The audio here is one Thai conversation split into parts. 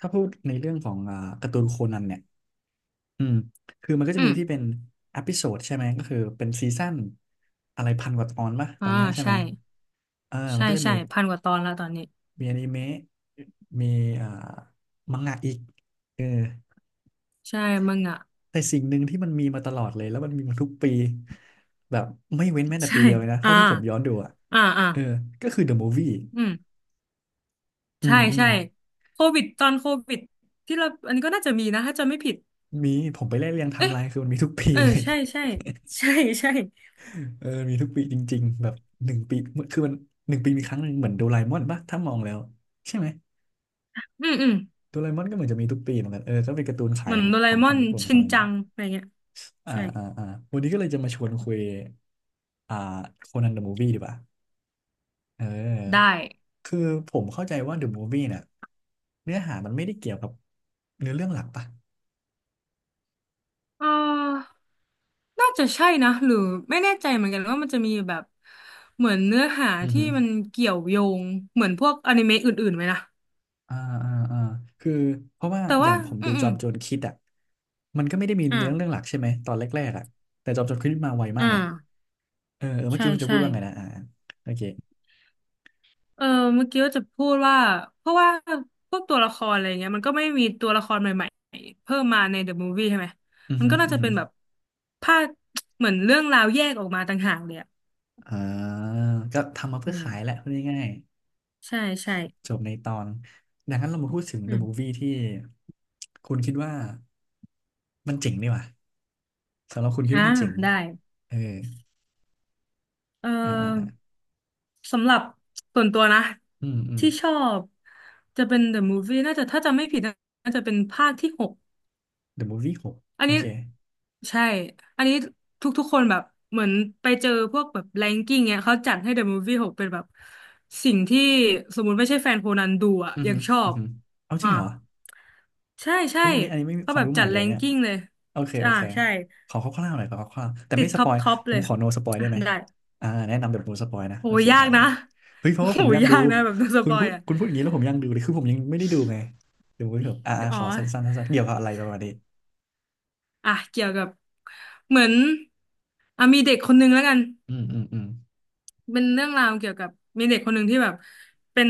ถ้าพูดในเรื่องของการ์ตูนโคนันเนี่ยอืมคือมันก็อืจะมีม ที่เป็นอ p พิโซดใช่ไหมก็คือเป็นซีซั่นอะไรพันกว่าตอนป่ะตอ่าอนเนี้ยใช่ไหใช่มเออมัใช่นก็จะใช่มีพันกว่าตอนแล้วตอนนี้มีอนิเมะมีอ่ามังงะอีกเออใช่มึงอ่ะ แต่สิ่งหนึ่งที่มันมีมาตลอดเลย แล้วมันมีมาทุกปี แบบไม่เว้นแม้ แต่ใช่ปีเดียวเลยนะ อ่าเท่าที่ผมย้อนดูอ่ะอ่าอ่าเออก็คือ The Movie อืมอืใช่มอืมใช่โควิดตอนโควิดที่เราอันนี้ก็น่าจะมีนะถ้าจำไม่ผิดมีผมไปไล่เรียงไทม์เอ๊ะไลน์คือมันมีทุกปีเออเลย ใช่ใช่ ใช่ใช่เออ มีทุกปีจริงๆ แบบหนึ่งปี คือมันหนึ่งปีมีครั้งหนึ่งเหมือนโดราเอมอนป่ะถ้ามองแล้วใช่ไหมอืมอืมโดราเอมอนก็เหมือนจะมีทุกปีเหมือนกัน เออก็เป็นการ์ตูนขาเหยมือนของโดราขเอองมอฝั่งนญี่ปุ่นชิเขานเลยจัมั้งงอะไรเงี้ยอ่า ใช่อ่า อ่า วันนี้ก็เลยจะมาชวนคุย อ่าโคนันเดอะมูฟวี่ดีกว่าเอได้อ คือผมเข้าใจว่าเดอะมูฟวี่เนี่ยเนื้อหามันไม่ได้เกี่ยวกับเนื้อเรื่องหลักป่ะเอ่าน่าจะใช่นะหรือไม่แน่ใจเหมือนกันว่ามันจะมีแบบเหมือนเนื้อหาอือที่ฮึมันเกี่ยวโยงเหมือนพวกอนิเมะอื่นๆไหมนะอ่าอ่าอ่าคือเพราะว่าแต่อย่าว่างผมอืดูม จอมโจรคิดอ่ะมันก็ไม่ได้มีอ่าเนื้อเรื่องหลักใช่ไหมตอนแรกๆอ่ะแต่จอมโจรคิดมาไวมากอ่าไง เออเออเมื่อใช่กี้คุณจะพูใช่ดว่าไงนะอ่าโอเคเออเมื่อกี้ว่าจะพูดว่าเพราะว่าพวกตัวละครอะไรเงี้ยมันก็ไม่มีตัวละครใหม่ๆเพิ่มมาในเดอะมูฟวี่ใช่ไหมอือมันหืก็อน่าอือจะหืเป็อนแบบภาคเหมือนเรื่องราวแยกออกมาต่างหากเลยอะอ่าก็ทำมาอืเพื่อมขายแหละพูดง่ายใช่ใช่ๆจบในตอนดังนั้นเรามาพูดถึง อื The ม Movie ที่คุณคิดว่ามันเจ๋งดีว่ะสำหรับคุณคิดอ่าว่ามันเจ๋งได้เออเออ่าอ่าอ่าอสำหรับส่วนตัวนะอืมอืม ที่ชอบจะเป็นเดอะมูฟวี่น่าจะถ้าจำไม่ผิดน่าจะเป็นภาคที่หก The Movie หกอันโอนี้เคใช่ อันนี้ทุกๆคนแบบเหมือนไปเจอพวกแบบแรงกิ้งเนี้ยเขาจัดให้ The Movie หกเป็นแบบสิ่งที่สมมุติไม่ใช่แฟนโคนันดูอ่ะอือยัหืงอชออือบหือเอาจอ่าริงเหรอใช่ใช่โอ้ยอันนี้อันนี้ไม่มีเขาควาแบมบรู้ใหจัม่ดเลแรยงเนี่ย กิ้งเลยโอเคโออ่าเค ใช่ขอคร่าวๆหน่อยขอคร่าวๆแต่ติไม่ดสท็อปปอยท็อปผเลมยขอโนสปอยอ่ะได้ไหมได้อ่าแนะนำแบบโนสปอยนะโอ้โอยเคยากมานะ มาเฮ้ยเพ ราะว่าผโอ้มอยยากดูยากนะแบบโดนสคุปณอพูยดอ่ะคุณพูดอย่างนี้แล้วผมอยากดูเลยคือผมยังไม่ได้ดูไงเดี๋ยวไว้เถอะอ่าอ่าอ๋อขอสั้นๆสั้นๆเกี่ยวกับอะไรประมาณนี้อ่ะเกี่ยวกับเหมือนอ่ะมีเด็กคนนึงแล้วกัน อืมอืมอืมเป็นเรื่องราวเกี่ยวกับมีเด็กคนหนึ่งที่แบบเป็น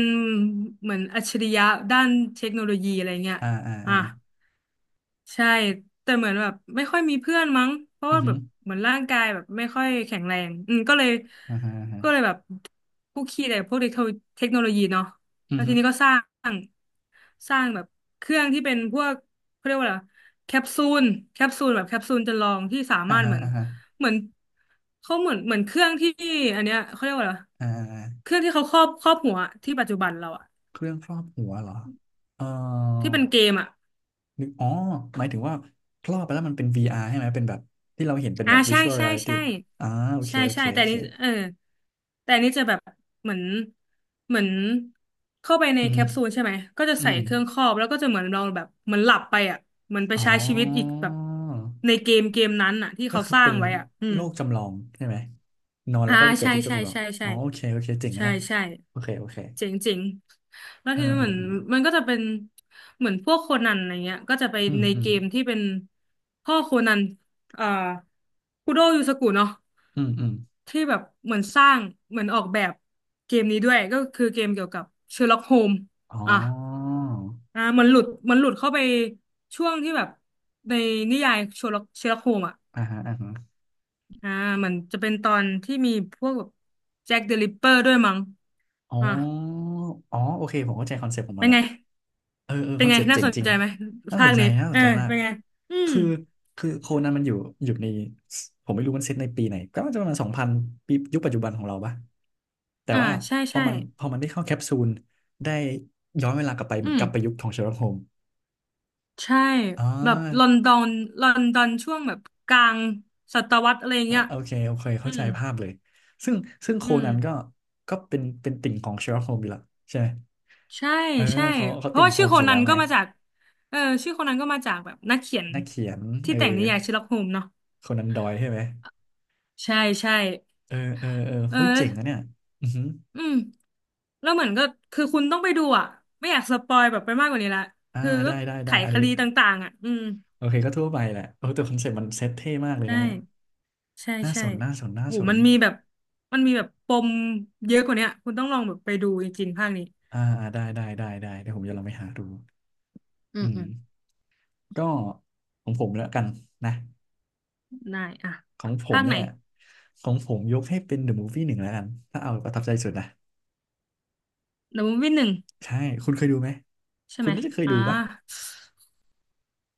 เหมือนอัจฉริยะด้านเทคโนโลยีอะไรเงี้ยอ่าอ่าอ่าอ่ะใช่แต่เหมือนแบบไม่ค่อยมีเพื่อนมั้งเพราะอือว่าฮึแบบเหมือนร่างกายแบบไม่ค่อยแข็งแรงอืมก็เลยอ่าฮะอ่าฮะก็เลยแบบคุกคีแต่พวกเทคโนโลยีเนาะอืแล้อวฮึทีนี้ก็งสร้างแบบเครื่องที่เป็นพวกเขาเรียกว่าอะไรแคปซูลแคปซูลแบบแคปซูลจำลองที่สาอ่ามารถฮะเหมือนอ่าฮะเหมือนเขาเหมือนเหมือนเครื่องที่อันเนี้ยเขาเรียกว่าอะไร อ่าเคอ่ารื่องที่เขาครอบหัวที่ปัจจุบันเราอะเครื่องครอบหัวเหรอเอ่อที่เป็นเกมอะนึกอ๋อหมายถึงว่าครอบไปแล้วมันเป็น VR ใช่ไหม เป็นแบบที่เราเห็นเป็นอ่าแบบ ใช่ Visual ใช่ Reality ใช่อ่าโอเคใช่โอเคใช่แต่โออันเค นี้เออแต่อันนี้จะแบบเหมือนเหมือนเข้าไปในอืแคม ปซูลใช่ไหมก็จะอืใส่ม เครื่องครอบแล้วก็จะเหมือนเราแบบเหมือนหลับไปอะเหมือนไปอ๋ใช้ชีวิตอีกอ แบบในเกมเกมนั้นอะที่ก็เขาคือสร้าเป็งนไว้อะอืโลม กจำลองใช่ไหม นอนอ่าแล้วก็ไปเกิดใช่ที่โลกใช่จำลองใช่ใช่อ๋อโอเคโอเคเจ๋งอะใช่เนี่ย ใช่โอเคโอเคเจ๋งเจ๋งแล้วเอคือเหมือนอมันก็จะเป็นเหมือนพวกโคนันอะไรเงี้ยก็จะไปอืมในอืม อืเกม มที่เป็นพ่อโคนันเอ่อคุโดยูสกุเนาะอืม อืม ที่แบบเหมือนสร้างเหมือนออกแบบเกมนี้ด้วยก็คือเกมเกี่ยวกับเชอร์ล็อกโฮมอ๋อ่ะออ่ามันหลุดเข้าไปช่วงที่แบบในนิยายเชอร์ล็อกโฮมอ่ะ อ่าฮะอ่าฮะอ่ามันจะเป็นตอนที่มีพวกแบบแจ็คเดอะริปเปอร์ด้วยมั้งอ๋อ่าออ๋อ โอเค ผมเข้าใจคอนเซ็ปต์ของมัเป็นนละ ไงเออเออเป็คนอนไงเซปต์น่าเจ๋งสนจริงใจไหมน่าสภานคใจนี้น่าสเอนอใจมากเป็นไงอืมคือคือโคนันมันอยู่อยู่ในผมไม่รู้มันเซตในปีไหนก็น่าจะประมาณสองพันปียุคปัจจุบันของเราปะแต่อ่าว่าใช่พอใช่มันพอมันได้เข้าแคปซูลได้ย้อนเวลากลับไปเหอืมือนมกลับไปยุคของเชอร์ล็อกโฮมใช่อ๋อแบบลอนดอนลอนดอนช่วงแบบกลางศตวรรษอะไรอ่าเงี้ยโอเคโอเคอืเข้าใจมภาพเลยซึ่งซึ่งโคอืมนันก็ก็เป็นเป็นติ่งของเชอร์ล็อกโฮมอยู่และใช่ไหมใช่เออใช่เขาเขาเพราะติ่งว่าโฮชื่อมโคส์อยู่นัแล้นวไงก็มาจากเออชื่อโคนันก็มาจากแบบนักเขียนนักเขียนที่เออแต่งนิยายเชอร์ล็อกโฮมส์เนาะโคนันดอยล์ใช่ไหม ใช่ใช่เออเออเออเออ เฮ้ยเจ๋งนะเนี่ยอือหืออืมแล้วเหมือนก็คือคุณต้องไปดูอ่ะไม่อยากสปอยแบบไปมากกว่านี้ละอ่าคือก็ได้ได้ไขได้อันคนี้ดีต่างๆอ่ะอืมโอเคก็ทั่วไปแหละโอ้แต่คอนเซ็ปต์มันเซ็ตเท่มากเลยใช่นะเนี่ยใช่น่าใช่สนน่าสนน่าโหสนมันมีแบบมันมีแบบปมเยอะกว่าเนี้ยคุณต้องลองแบบไปดูจริงๆภาคนี้อ่าอ่าได้ได้ได้ได้เดี๋ยวผมจะลองไปหาดูอือืมมอืมก็ของผมแล้วกันนะได้อ่ะของผมภาคไหนเนี่ยของผมยกให้เป็น The Movie หนึ่งแล้วกันถ้าเอาประทับใจสุดนะเดอะมูฟวี่หนึ่งใช่คุณเคยดูไหมใช่คุไหณมน่าจะเคยอ่าดูปะ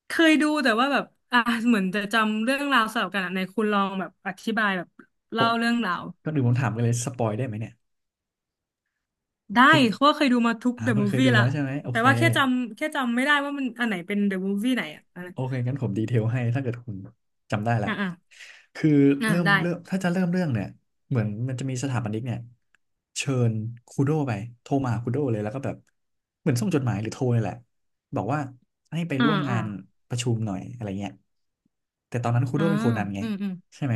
เคยดูแต่ว่าแบบอ่าเหมือนจะจำเรื่องราวสลับกันอ่ะในคุณลองแบบอธิบายแบบโอ้เล่าเรื่องราว ก็ดูผมถามกันเลยสปอยได้ไหมเนี่ยได้คุณเพราะว่าเคยดูมาทุกอ่าเดอะคุณมูฟเคยวี่ดูแล้ละวใช่ไหมโอแต่เค ว่าแค่จำไม่ได้ว่ามันอันไหนเป็นเดอะมูฟวี่ไหนอ่ะอะไรโอเคงั้นผมดีเทลให้ถ้าเกิดคุณจำได้ละอ่ะอ่ะคืออ่ะเริ่มได้เริ่มถ้าจะเริ่มเรื่องเนี่ยเหมือนมันจะมีสถาปนิกเนี่ยเชิญคูโดไปโทรมาหาคูโดเลยแล้วก็แบบเหมือนส่งจดหมายหรือโทรเลยแหละบอกว่าให้ไปอ่าร่วมงาอ่านประชุมหน่อยอะไรเงี้ยแต่ตอนนั้นคูโดอ่าเป็นโคนันไงอืมอืมใช่ไหม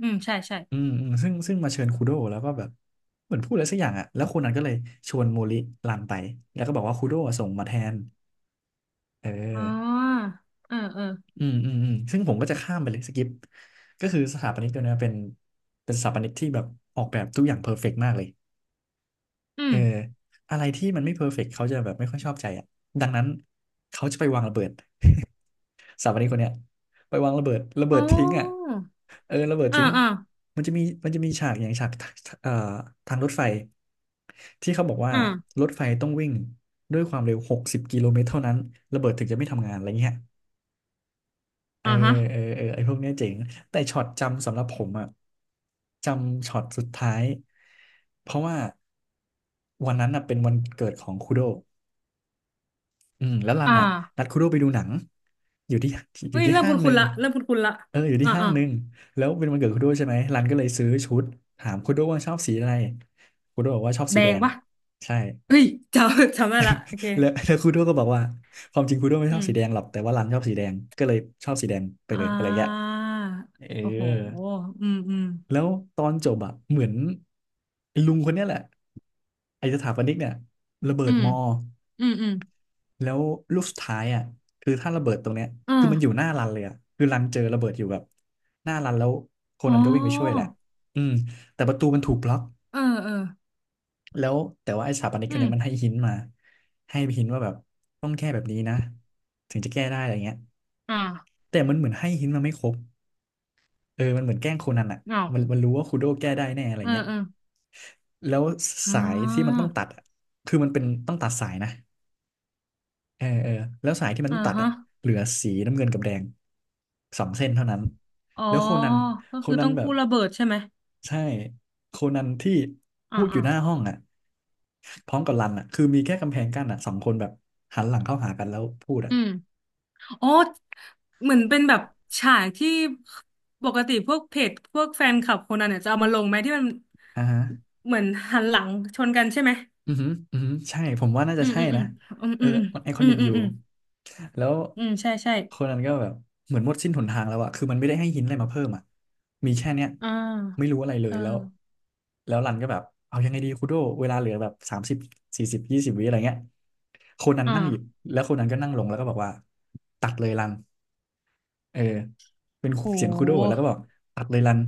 อืมใช่ใช่อืมอืมซึ่งมาเชิญคูโดแล้วก็แบบเหมือนพูดอะไรสักอย่างอ่ะแล้วคนนั้นก็เลยชวนโมริรันไปแล้วก็บอกว่าคูโดอะส่งมาแทนเออ อ๋อเออเอออืมอืมอืมซึ่งผมก็จะข้ามไปเลยสกิปก็คือสถาปนิกตัวเนี้ยเป็นเป็นสถาปนิกที่แบบออกแบบทุกอย่างเพอร์เฟกต์มากเลยอืเอมออะไรที่มันไม่เพอร์เฟกต์เขาจะแบบไม่ค่อยชอบใจอ่ะดังนั้นเขาจะไปวางระเบิด สถาปนิกคนเนี้ยไปวางระเบิดระเบิอ๋อดทิ้งอ่ะเออระเบิดอ่าทิ้งอ่ามันจะมีฉากอย่างฉากเอ่อทางรถไฟที่เขาบอกว่าอ่ารถไฟต้องวิ่งด้วยความเร็ว60 กิโลเมตรเท่านั้นระเบิดถึงจะไม่ทำงานอะไรเงี้ย เอออ่าฮะเออเออไอ้พวกเนี้ยเจ๋งแต่ช็อตจำสำหรับผมอะจำช็อตสุดท้ายเพราะว่าวันนั้นอะเป็นวันเกิดของคุโดอืมแล้วรันอ่าอะนัดคุโดไปดูหนังอยู่ที่อเฮ้ยู่ยที่เริ่มห้างหคุ้นึ่นงๆละเริ่มคุ้นๆละเอออยู่ที่อ่าห้างอ่าหนึ่งแล้วเป็นวันเกิดคุโดใช่ไหมรันก็เลยซื้อชุดถามคุโดว่าชอบสีอะไรคุโดบอกว่าชอบแดสีแดงงปะใช่เฮ้ยจำ จำได้ละโอเคแล้ว แล้วคุโดก็บอกว่าความจริงคุโดไม่อืชอบมสีแดงหรอกแต่ว่ารันชอบสีแดงก็เลยชอบสีแดงไปเลอ่ยอะไรเงี้ยาเออ โอ้โหอืมอืมแล้วตอนจบอะเหมือนไอ้ลุงคนเนี้ยแหละไอ้สถาปนิกเนี่ยระเบิอืดมมออืมอืมแล้วลูกสุดท้ายอะคือถ้าระเบิดตรงเนี้ยคือมันอยู่อ่าหน้ารันเลยอะคือรันเจอระเบิดอยู่แบบหน้ารันแล้วโคอ๋อ นันก็วิ่งไปช่วยแหละอืมแต่ประตูมันถูกบล็อกเออเออ แล้วแต่ว่าไอ้สถาปนิกคอืนม เนี้ยมันให้หินมาให้หินว่าแบบต้องแก้แบบนี้นะถึงจะแก้ได้อะไรเงี้ยอ่าแต่มันเหมือนให้หินมาไม่ครบเออมันเหมือนแกล้งโคนันอ่ะมันมัเอานรู้ว่าคูโดแก้ได้แน่อะไรเออเงี้ย เออแล้วอ่สายที่มันาต้องตัดอะคือมันเป็นต้องตัดสายนะเออเออแล้วสายที่มันอ่าต้องตัดฮะอะเหลือสีน้ำเงินกับแดงสองเส้นเท่านั้นอ๋อแล้วโคนันก็คือต้องแบบกู้ระเบิดใช่ไหมใช่โคนันที่อ่าพูดออ่ายู่หน้าห้องอ่ะพร้อมกับรันอ่ะคือมีแค่กำแพงกั้นอ่ะสองคนแบบหันหลังเข้าหากันแล้วพูดอ่ะอืมอ๋อเหมือนเป็นแบบฉากที่ปกติพวกเพจพวกแฟนคลับคนนั้นเนี่ยจะเอามาลงไหมที่มันอ่าฮะ เหมือนหันหลังชนกันใช่ไหมอือหืออือหือใช่ผมว่าน่าอืจะมใช่อืมอืนะมอืมเอออืมมันไอคออืมนิกอือมยู่อืมแล้วอืมใช่ใช่คนนั้นก็แบบเหมือนหมดสิ้นหนทางแล้วอะคือมันไม่ได้ให้หินอะไรมาเพิ่มอะมีแค่เนี้ย อ่ไม่ารู้อะไรเลเอยแล้ว อแล้วรันก็แบบเอายังไงดีคูโดเวลาเหลือแบบ304020วิอะไรเงี้ยคนนั้นอ่านั่งหยิบแล้วคนนั้นก็นั่งลงแล้วก็บอกว่าตัดเลยรัน เออ เป็นโเสียงคูโดแล้หวก็บอกตัดเลยรัน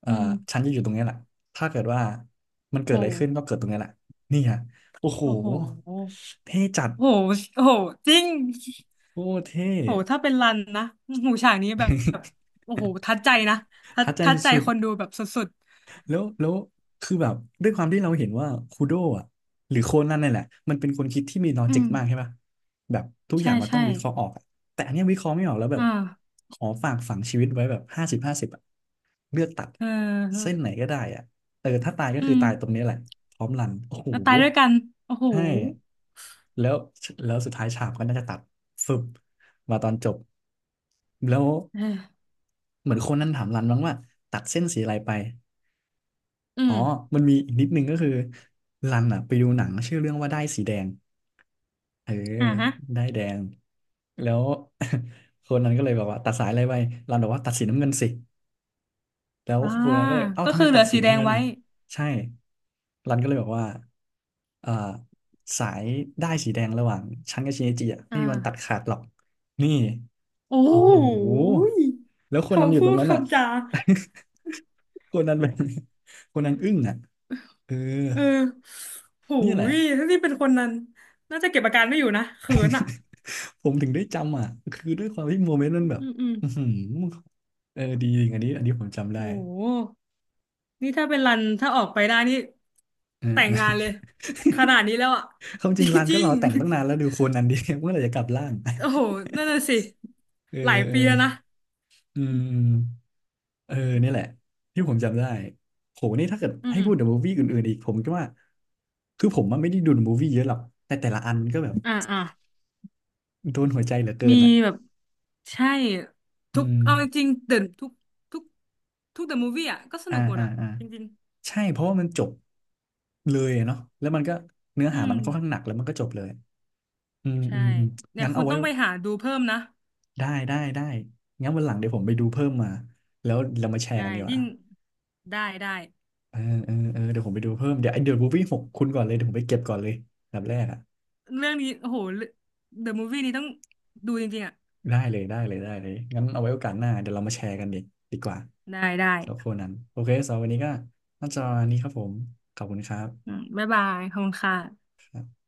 เอ่ออืฉันมจะอยู่ตรงเนี้ยแหละถ้าเกิดว่ามันเกิดอะไรขึ้โหนก็เกิดตรงเนี้ยแหละนี่ฮะโอ้โห โอ้โห เท่จัด โหโห จริงโอ้เท่ โหถ้าเป็นรันนะหูฉากนี้แบบโอ้โหทัดใจนะทั ดทัดใจทัดใจสุด คนดูแบบสุดแล้ว คือแบบ ด้วยความที่เราเห็นว่าคูโดะอ่ะหรือโคนันนี่นแหละ มันเป็นคนคิดที่มีลอๆอืจิกมมากใช่ปะแบบ ทุกอใช่ย่างมันต้ใช่องวิเคราะห์ออกอะแต่อันเนี้ยวิเคราะห์ไม่ออกแล้วแบอ่บ าขอฝากฝังชีวิตไว้แบบ50/50อ่ะเลือกตัด เเส้ออนไหนก็ได้อ่ะเออถ้าตายก็อืคือมตายตรงนี้แหละพร้อมรัน โอ้โหแล้วตายด้วยกันโอ้โหใช่แล้วแล้วสุดท้ายฉากก็น่าจะตัดฟึบมาตอนจบแล้วเออเหมือนคนนั้นถามรันบ้างว่าตัดเส้นสีอะไรไป อือ๋อมมันมีอีกนิดนึงก็คือรันอ่ะไปดูหนังชื่อเรื่องว่าได้ายสีแดงเอออ่าฮะได้ายแดงแล้ว คนนั้นก็เลยบอกว่าตัดสายอะไรไปรันบอกว่าตัดสีน้ำเงินสิแล้วอ่าคนนั้นก็เลยเอ้าก็ทำไมคือเหตัลืดอสีสีแดน้ำงเงินไว้ใช่รันก็เลยบอกว่าเอ่อสายได้ายสีแดงระหว่างฉันกับชินจิอ่ะไม่อ่มีวันตัดาขาดหรอกนี่โอ้โหโอ้โหยแล้วคนนั้นอคำยู่พูตรงดนั้นอ่ะ คำจา คนนั้นแบบคนนั้นอึ้งอ่ะเออ เออโหเนี่ยแหละ ยถ้านี่เป็นคนนั้นน่าจะเก็บอาการไม่อยู่นะเขินอ่ะ ผมถึงได้จำอ่ะคือด้วยความที่โมเมนต์มัอืนมแบบอืมอืมอือหือเออดีจริงอันนี้อันนี้ผมจำโได้ห นี่ถ้าเป็นรันถ้าออกไปได้นี่เออ แต่เองอ งานเลยขนาด นี้แล้วอ่ะ ความจ ริงร้านจก็ริรงอแต่งตั้งนานแล้วดูโคนนั้นดี เมื่อไหร่จะกลับร่าง ๆโอ้โห นั่นน่ะสิเออหลายเออปีแล้วนะอืมอืมเออนี่แหละที่โอืผมมจำได้โหนี่ถ้าเกิดอืให้พูดถึงมมูฟวี่อื่นๆอีกผมก็ว่าคือผมมันไม่ได้ดูมูฟวี่เยอะหรอกแต่แต่ละอันันก็แบบอ่าอ่าโดนหัวใจเหลือเกิมีนอ่ะแบบใช่อืทุกมเอาจริงๆเดินทุกทุกทุกเดอะมูฟวี่อ่ะก็สอ่านุกหมดอ่าอ่ะอ่า จริงใช่เพราะว่ามันจบเลยอะเนาะแล้วมันก็เนื้อๆอืหามัมนค่อนข้างหนักแล้วมันก็จบเลยอืมใช่อืมอืมเนี่ยงั้นคุเอาณไว้ต้องไปหาดูเพิ่มนะได้ได้ได้งั้นวันหลังเดี๋ยวผมไปดูเพิ่มมาแล้วเรามาแชร์ใช่กันดีกยิ่ว่างได้ได้เออเออเออเดี๋ยวผมไปดูเพิ่มเดี๋ยวไอเดอะมูฟวี่หกคุณก่อนเลยเดี๋ยวผมไปเก็บก่อนเลยอันดับแรกอ่ะเรื่องนี้โอ้โหเดอะมูฟวี่นี้ต้องดูจริงๆอ่ะได้เลยได้เลยได้เลยงั้นเอาไว้โอกาสหน้าเดี๋ยวเรามาแชร์กันดีกว่าได้ได้สำหรับคนนั้นโอเคสำหรับวันนี้ก็น่าจะวันนี้ครับผมขอบคุณครัอืบมบ๊ายบายขอบคุณค่ะครับ